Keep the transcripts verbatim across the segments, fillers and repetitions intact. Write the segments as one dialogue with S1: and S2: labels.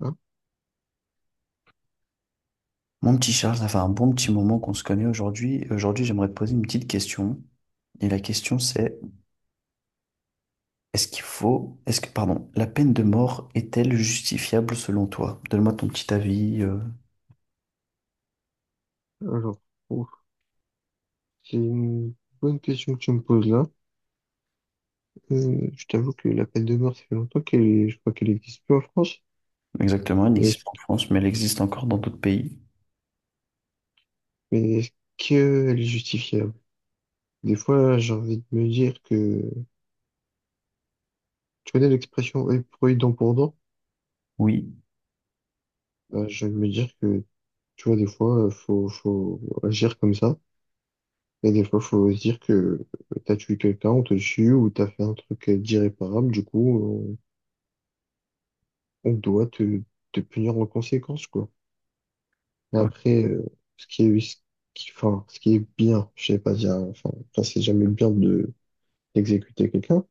S1: Ah,
S2: Mon petit Charles, ça fait un bon petit moment qu'on se connaît aujourd'hui. Et Aujourd'hui, j'aimerais te poser une petite question. Et la question, c'est, est-ce qu'il faut, est-ce que, pardon, la peine de mort est-elle justifiable selon toi? Donne-moi ton petit avis. Euh,
S1: alors, oh, c'est une bonne question que tu me poses là. Euh, je t'avoue que la peine de mort, ça fait longtemps qu'elle, je crois qu'elle n'existe plus en France.
S2: exactement, elle
S1: Mais
S2: n'existe pas en
S1: est-ce,
S2: France, mais elle existe encore dans d'autres pays.
S1: mais est-ce qu'elle est justifiable? Des fois, j'ai envie de me dire que, tu connais l'expression œil pour œil, dent pour dent?
S2: Oui.
S1: Bah, j'ai envie de me dire que, tu vois, des fois, euh, faut, faut agir comme ça. Et des fois, faut se dire que euh, t'as tué quelqu'un, on te tue, ou t'as fait un truc euh, d'irréparable, du coup, on, on doit te, te punir en conséquence, quoi. Mais
S2: O-
S1: après, euh, ce qui est, ce qui, enfin, ce qui est bien, je sais pas dire, enfin, enfin, c'est jamais bien de d'exécuter quelqu'un,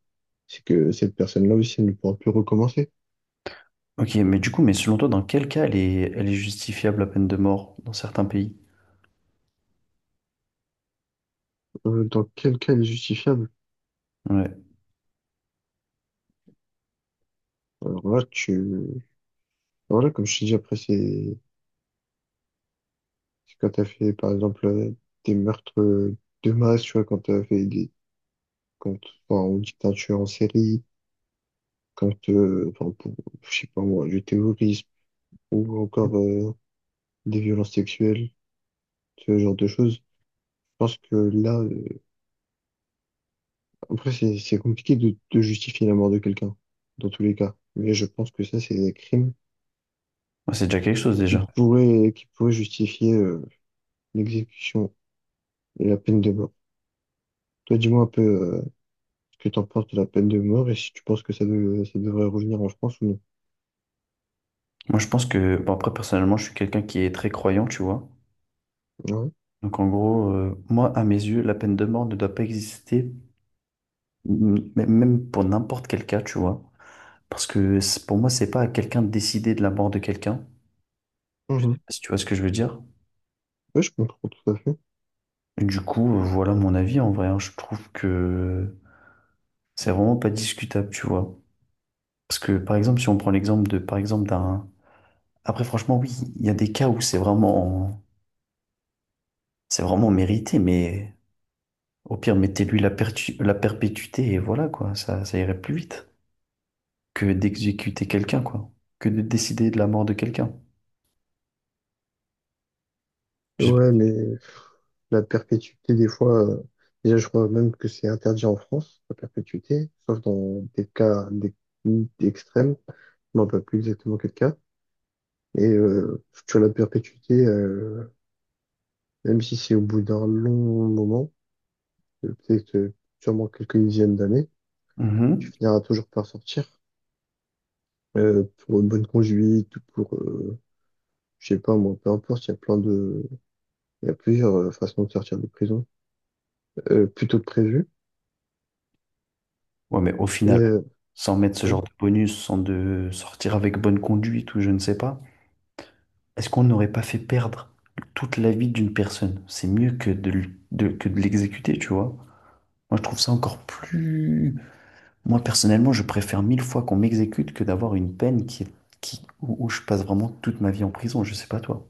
S1: c'est que cette personne-là aussi elle ne pourra plus recommencer.
S2: Ok, mais du coup, mais selon toi, dans quel cas elle est, elle est justifiable, la peine de mort, dans certains pays?
S1: Euh, dans quel cas elle est justifiable?
S2: Ouais.
S1: Alors là, tu, alors là, comme je t'ai dit, après, c'est c'est quand t'as fait, par exemple, euh, des meurtres euh, de masse, tu vois, quand t'as fait des, quand, enfin, on dit que t'as tué en série, quand, euh, enfin, pour, je sais pas moi, du terrorisme, ou encore euh, des violences sexuelles, ce genre de choses. Je pense que là, euh, Après, c'est c'est compliqué de, de justifier la mort de quelqu'un, dans tous les cas. Mais je pense que ça, c'est des crimes
S2: Ouais, c'est déjà quelque chose
S1: qui
S2: déjà.
S1: pourraient, qui pourraient justifier euh, l'exécution et la peine de mort. Toi, dis-moi un peu euh, ce que t'en penses de la peine de mort et si tu penses que ça, de- ça devrait revenir en France ou non.
S2: Moi, je pense que, bon, après, personnellement, je suis quelqu'un qui est très croyant, tu vois.
S1: Ouais.
S2: Donc en gros, euh, moi, à mes yeux, la peine de mort ne doit pas exister, m- m- même pour n'importe quel cas, tu vois. Parce que c'est- pour moi, c'est pas à quelqu'un de décider de la mort de quelqu'un,
S1: Mhm.
S2: si tu vois ce que je veux dire.
S1: Ouais, je comprends tout à fait.
S2: Et du coup, euh, voilà mon avis en vrai, hein. Je trouve que c'est vraiment pas discutable, tu vois. Parce que par exemple, si on prend l'exemple de, par exemple, d'un... Après, franchement, oui, il y a des cas où c'est vraiment, c'est vraiment mérité, mais au pire, mettez-lui la pertu- la perpétuité et voilà, quoi, ça, ça irait plus vite. Que d'exécuter quelqu'un, quoi. Que de décider de la mort de quelqu'un. J'ai-
S1: Ouais, mais la perpétuité, des fois, euh, déjà, je crois même que c'est interdit en France, la perpétuité, sauf dans des cas des, extrêmes. Je ne me rappelle plus exactement quel cas. Et euh, sur la perpétuité, euh, même si c'est au bout d'un long moment, euh, peut-être euh, sûrement quelques dizaines d'années, tu
S2: Mhm.
S1: finiras toujours par sortir euh, pour une bonne conduite ou pour, euh, je sais pas moi, peu importe, il y a plein de, il y a plusieurs euh, façons de sortir de prison, euh, plutôt que prévu.
S2: Ouais, mais au
S1: Et
S2: final,
S1: euh,
S2: sans mettre ce
S1: ouais,
S2: genre de bonus, sans de sortir avec bonne conduite ou je ne sais pas, est-ce qu'on n'aurait pas fait perdre toute la vie d'une personne? C'est mieux que de, l- de- que de l'exécuter, tu vois. Moi, je trouve ça encore plus... Moi, personnellement, je préfère mille fois qu'on m'exécute que d'avoir une peine qui est- qui, où, où je passe vraiment toute ma vie en prison. Je sais pas toi.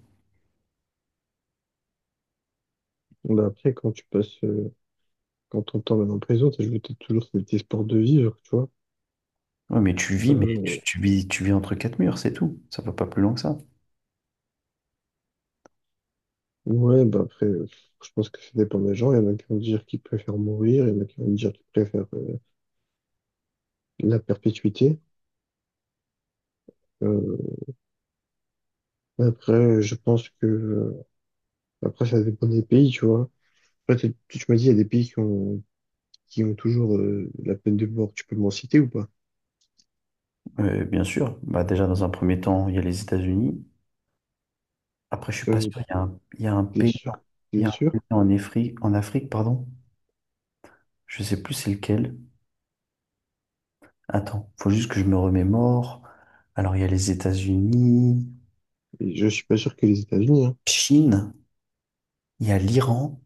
S1: Bon, bah après, quand tu passes, euh, quand ton temps en prison, t'as joué peut-être toujours cet espoir de vivre, tu vois.
S2: Ouais, mais tu vis, mais
S1: Euh,
S2: tu, tu vis, tu vis entre quatre murs, c'est tout. Ça va pas plus loin que ça.
S1: ouais, bah après, euh, je pense que ça dépend des gens. Il y en a qui vont dire qu'ils préfèrent mourir, il y en a qui vont dire qu'ils préfèrent euh, la perpétuité. Euh, Après, je pense que euh, après ça dépend des pays, tu vois. Après, t'es- tu tu m'as dit il y a des pays qui ont qui ont toujours euh, la peine de mort. Tu peux m'en citer ou pas?
S2: Euh, bien sûr, bah, déjà dans un premier temps, il y a les États-Unis. Après, je suis pas
S1: Euh,
S2: sûr, il y a un, il y a un
S1: T'es
S2: pays,
S1: sûr?
S2: il y
S1: T'es
S2: a un
S1: sûr?
S2: pays en Afrique, en Afrique, pardon. Je sais plus c'est lequel. Attends, faut juste que je me remémore. Alors, il y a les États-Unis,
S1: Et je suis pas sûr que les États-Unis. Hein.
S2: Chine, il y a l'Iran.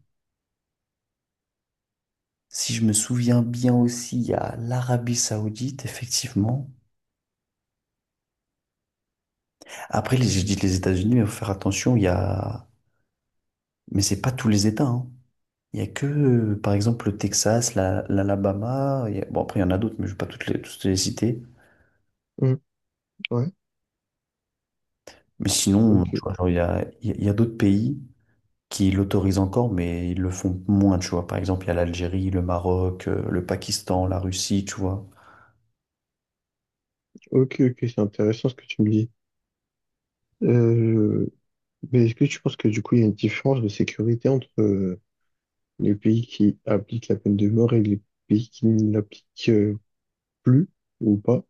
S2: Si je me souviens bien aussi, il y a l'Arabie Saoudite, effectivement. Après, les- j'ai dit les États-Unis, mais faut faire attention, il y a... Mais c'est pas tous les États, hein. Il y a que, euh, par exemple, le Texas, la- l'Alabama. il y a- Bon, après, il y en a d'autres, mais je ne vais pas toutes les, toutes les citer.
S1: Hum. Ouais.
S2: Mais sinon,
S1: Ok.
S2: tu vois, genre, il y a, il y a il y a d'autres pays qui l'autorisent encore, mais ils le font moins, tu vois. Par exemple, il y a l'Algérie, le Maroc, euh, le Pakistan, la Russie, tu vois.
S1: Ok. Ok, c'est intéressant ce que tu me dis. Euh, mais est-ce que tu penses que du coup il y a une différence de sécurité entre euh, les pays qui appliquent la peine de mort et les pays qui ne l'appliquent euh, plus ou pas?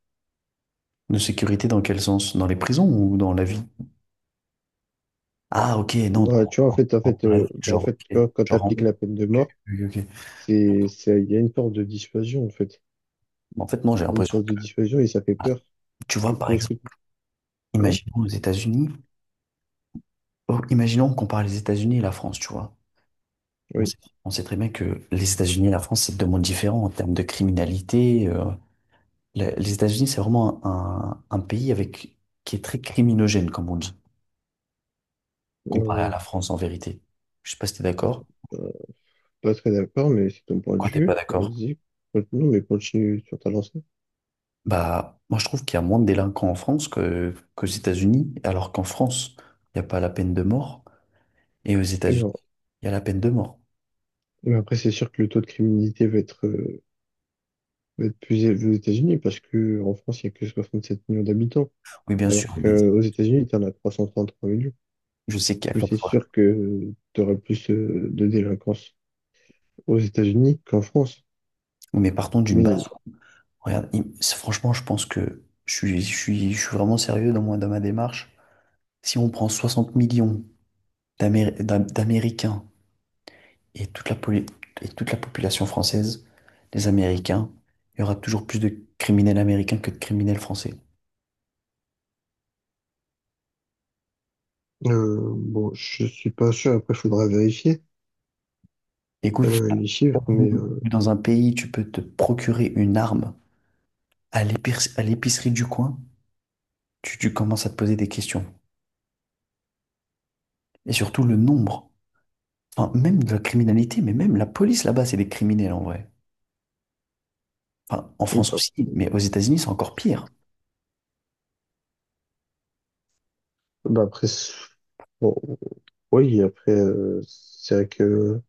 S2: De sécurité, dans quel sens? Dans les prisons ou dans la vie? Ah, ok, non,
S1: Bah,
S2: dans,
S1: tu vois, en
S2: dans-
S1: fait, en fait,
S2: dans la vie,
S1: euh, bah, en
S2: genre,
S1: fait,
S2: ok,
S1: quand, quand
S2: genre en
S1: t'appliques
S2: mode,
S1: la peine de mort,
S2: oui, ok.
S1: c'est, c'est, il y a une force de dissuasion, en fait.
S2: En fait, non, j'ai
S1: Une
S2: l'impression
S1: force
S2: que,
S1: de dissuasion et ça fait peur.
S2: tu vois,
S1: Du
S2: par
S1: coup, est-ce que,
S2: exemple,
S1: ouais,
S2: imaginons aux États-Unis, oh, imaginons qu'on parle des États-Unis et la France, tu vois. On
S1: oui,
S2: sait, on sait très bien que les États-Unis et la France, c'est deux mondes différents en termes de criminalité. euh. Le- les États-Unis, c'est vraiment un, un pays avec, qui est très criminogène, comme on dit, comparé à
S1: euh,
S2: la
S1: je suis
S2: France en vérité. Je sais pas si t'es d'accord.
S1: pas très d'accord, mais c'est ton point de
S2: Pourquoi t'es pas
S1: vue.
S2: d'accord?
S1: Vas-y, non mais continue sur ta lancée.
S2: Bah, moi, je trouve qu'il y a moins de délinquants en France que, qu'aux États-Unis, alors qu'en France, il n'y a pas la peine de mort. Et aux
S1: Et
S2: États-Unis,
S1: bien,
S2: il y a la peine de mort.
S1: mais après, c'est sûr que le taux de criminalité va être, euh, va être plus élevé aux États-Unis parce que en France, il n'y a que soixante-sept millions d'habitants,
S2: Oui, bien
S1: alors
S2: sûr, mais
S1: qu'aux États-Unis, tu en as trois cent trente-trois millions.
S2: je sais qu'il y a...
S1: Du coup, c'est sûr que tu auras plus, euh, de délinquance aux États-Unis qu'en France.
S2: Mais partons d'une
S1: Mais
S2: base. Regarde, im- c'est- franchement, je pense que je suis, je suis, je suis vraiment sérieux dans, moi, dans ma démarche. Si on prend soixante millions d'Améri- d'Am- d'Américains et toute la, poli- et toute la population française, les Américains, il y aura toujours plus de criminels américains que de criminels français.
S1: euh, bon, je suis pas sûr, après il faudra vérifier
S2: Écoute,
S1: euh, les chiffres, mais euh,
S2: dans un pays, tu peux te procurer une arme à l'épic- à l'épicerie du coin, tu, tu commences à te poser des questions. Et surtout le nombre, enfin, même de la criminalité, mais même la police là-bas, c'est des criminels en vrai. Enfin, en France
S1: bah,
S2: aussi, mais aux États-Unis, c'est encore pire.
S1: bah, après, c'est- bon, oui, après, euh, c'est vrai que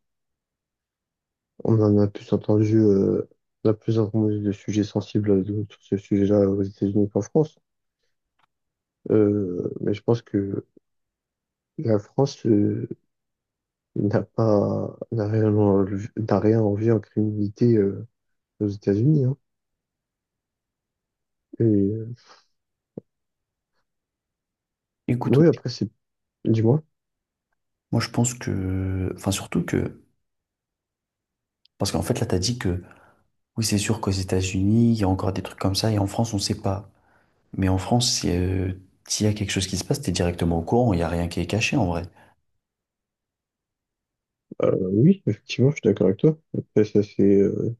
S1: on en a plus entendu, euh, on a plus entendu de sujets sensibles euh, sur ce sujet-là aux États-Unis qu'en France. Euh, mais je pense que la France euh, n'a pas, n'a rien, enlevé- n'a rien envie en criminalité euh, aux États-Unis, hein. Et euh,
S2: Écoute,
S1: oui, après, c'est, dis-moi.
S2: moi je pense que, enfin surtout que, parce qu'en fait là, t'as dit que oui, c'est sûr qu'aux États-Unis, il y a encore des trucs comme ça, et en France, on sait pas. Mais en France, si, euh, s'il y a quelque chose qui se passe, t'es directement au courant, il y a rien qui est caché en vrai.
S1: Euh, oui, effectivement, je suis d'accord avec toi. Après, ça, c'est euh,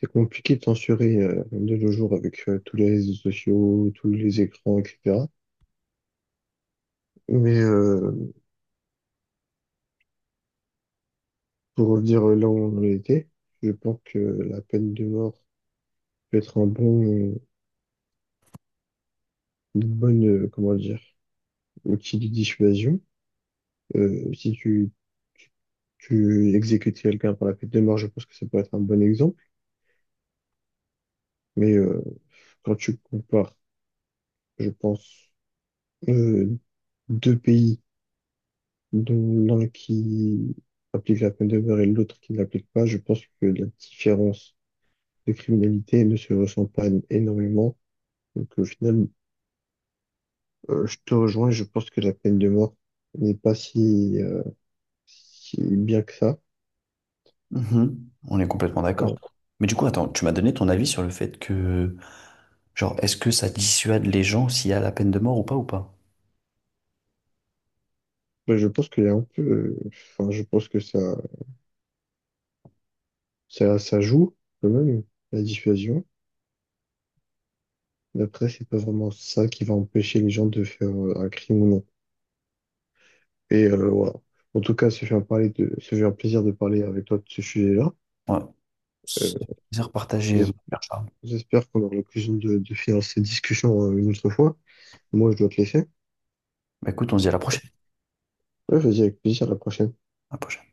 S1: c'est compliqué de censurer euh, de nos jours avec euh, tous les réseaux sociaux, tous les écrans, et cetera. Mais euh, pour revenir là où on en était, je pense que la peine de mort peut être un bon, une bonne, euh, comment dire, outil de dissuasion. Euh, si tu, tu exécutes quelqu'un par la peine de mort, je pense que ça peut être un bon exemple. Mais euh, quand tu compares, je pense, euh, deux pays de l'un qui applique la peine de mort et l'autre qui ne l'applique pas, je pense que la différence de criminalité ne se ressent pas énormément. Donc au final, euh, je te rejoins, je pense que la peine de mort n'est pas si, euh, si bien que ça.
S2: Mhm. On est complètement d'accord.
S1: Voilà.
S2: Mais du coup, attends, tu m'as donné ton avis sur le fait que, genre, est-ce que ça dissuade les gens s'il y a la peine de mort ou pas ou pas?
S1: Ben, je pense qu'il y a un peu, euh, enfin, je pense que ça, ça, ça joue quand même, la dissuasion. Mais après, c'est pas vraiment ça qui va empêcher les gens de faire euh, un crime ou non. Et euh, voilà. En tout cas, ça fait un parler de, ça fait un plaisir de parler avec toi de ce sujet-là.
S2: Ouais,
S1: Euh,
S2: c'est un plaisir partagé, mon
S1: j'es-
S2: cher Charles.
S1: J'espère qu'on aura l'occasion de, de faire ces discussions euh, une autre fois. Moi, je dois te laisser.
S2: Bah, écoute, on se dit à la prochaine.
S1: Ouais, vas-y, avec plaisir, à la prochaine.
S2: À la prochaine.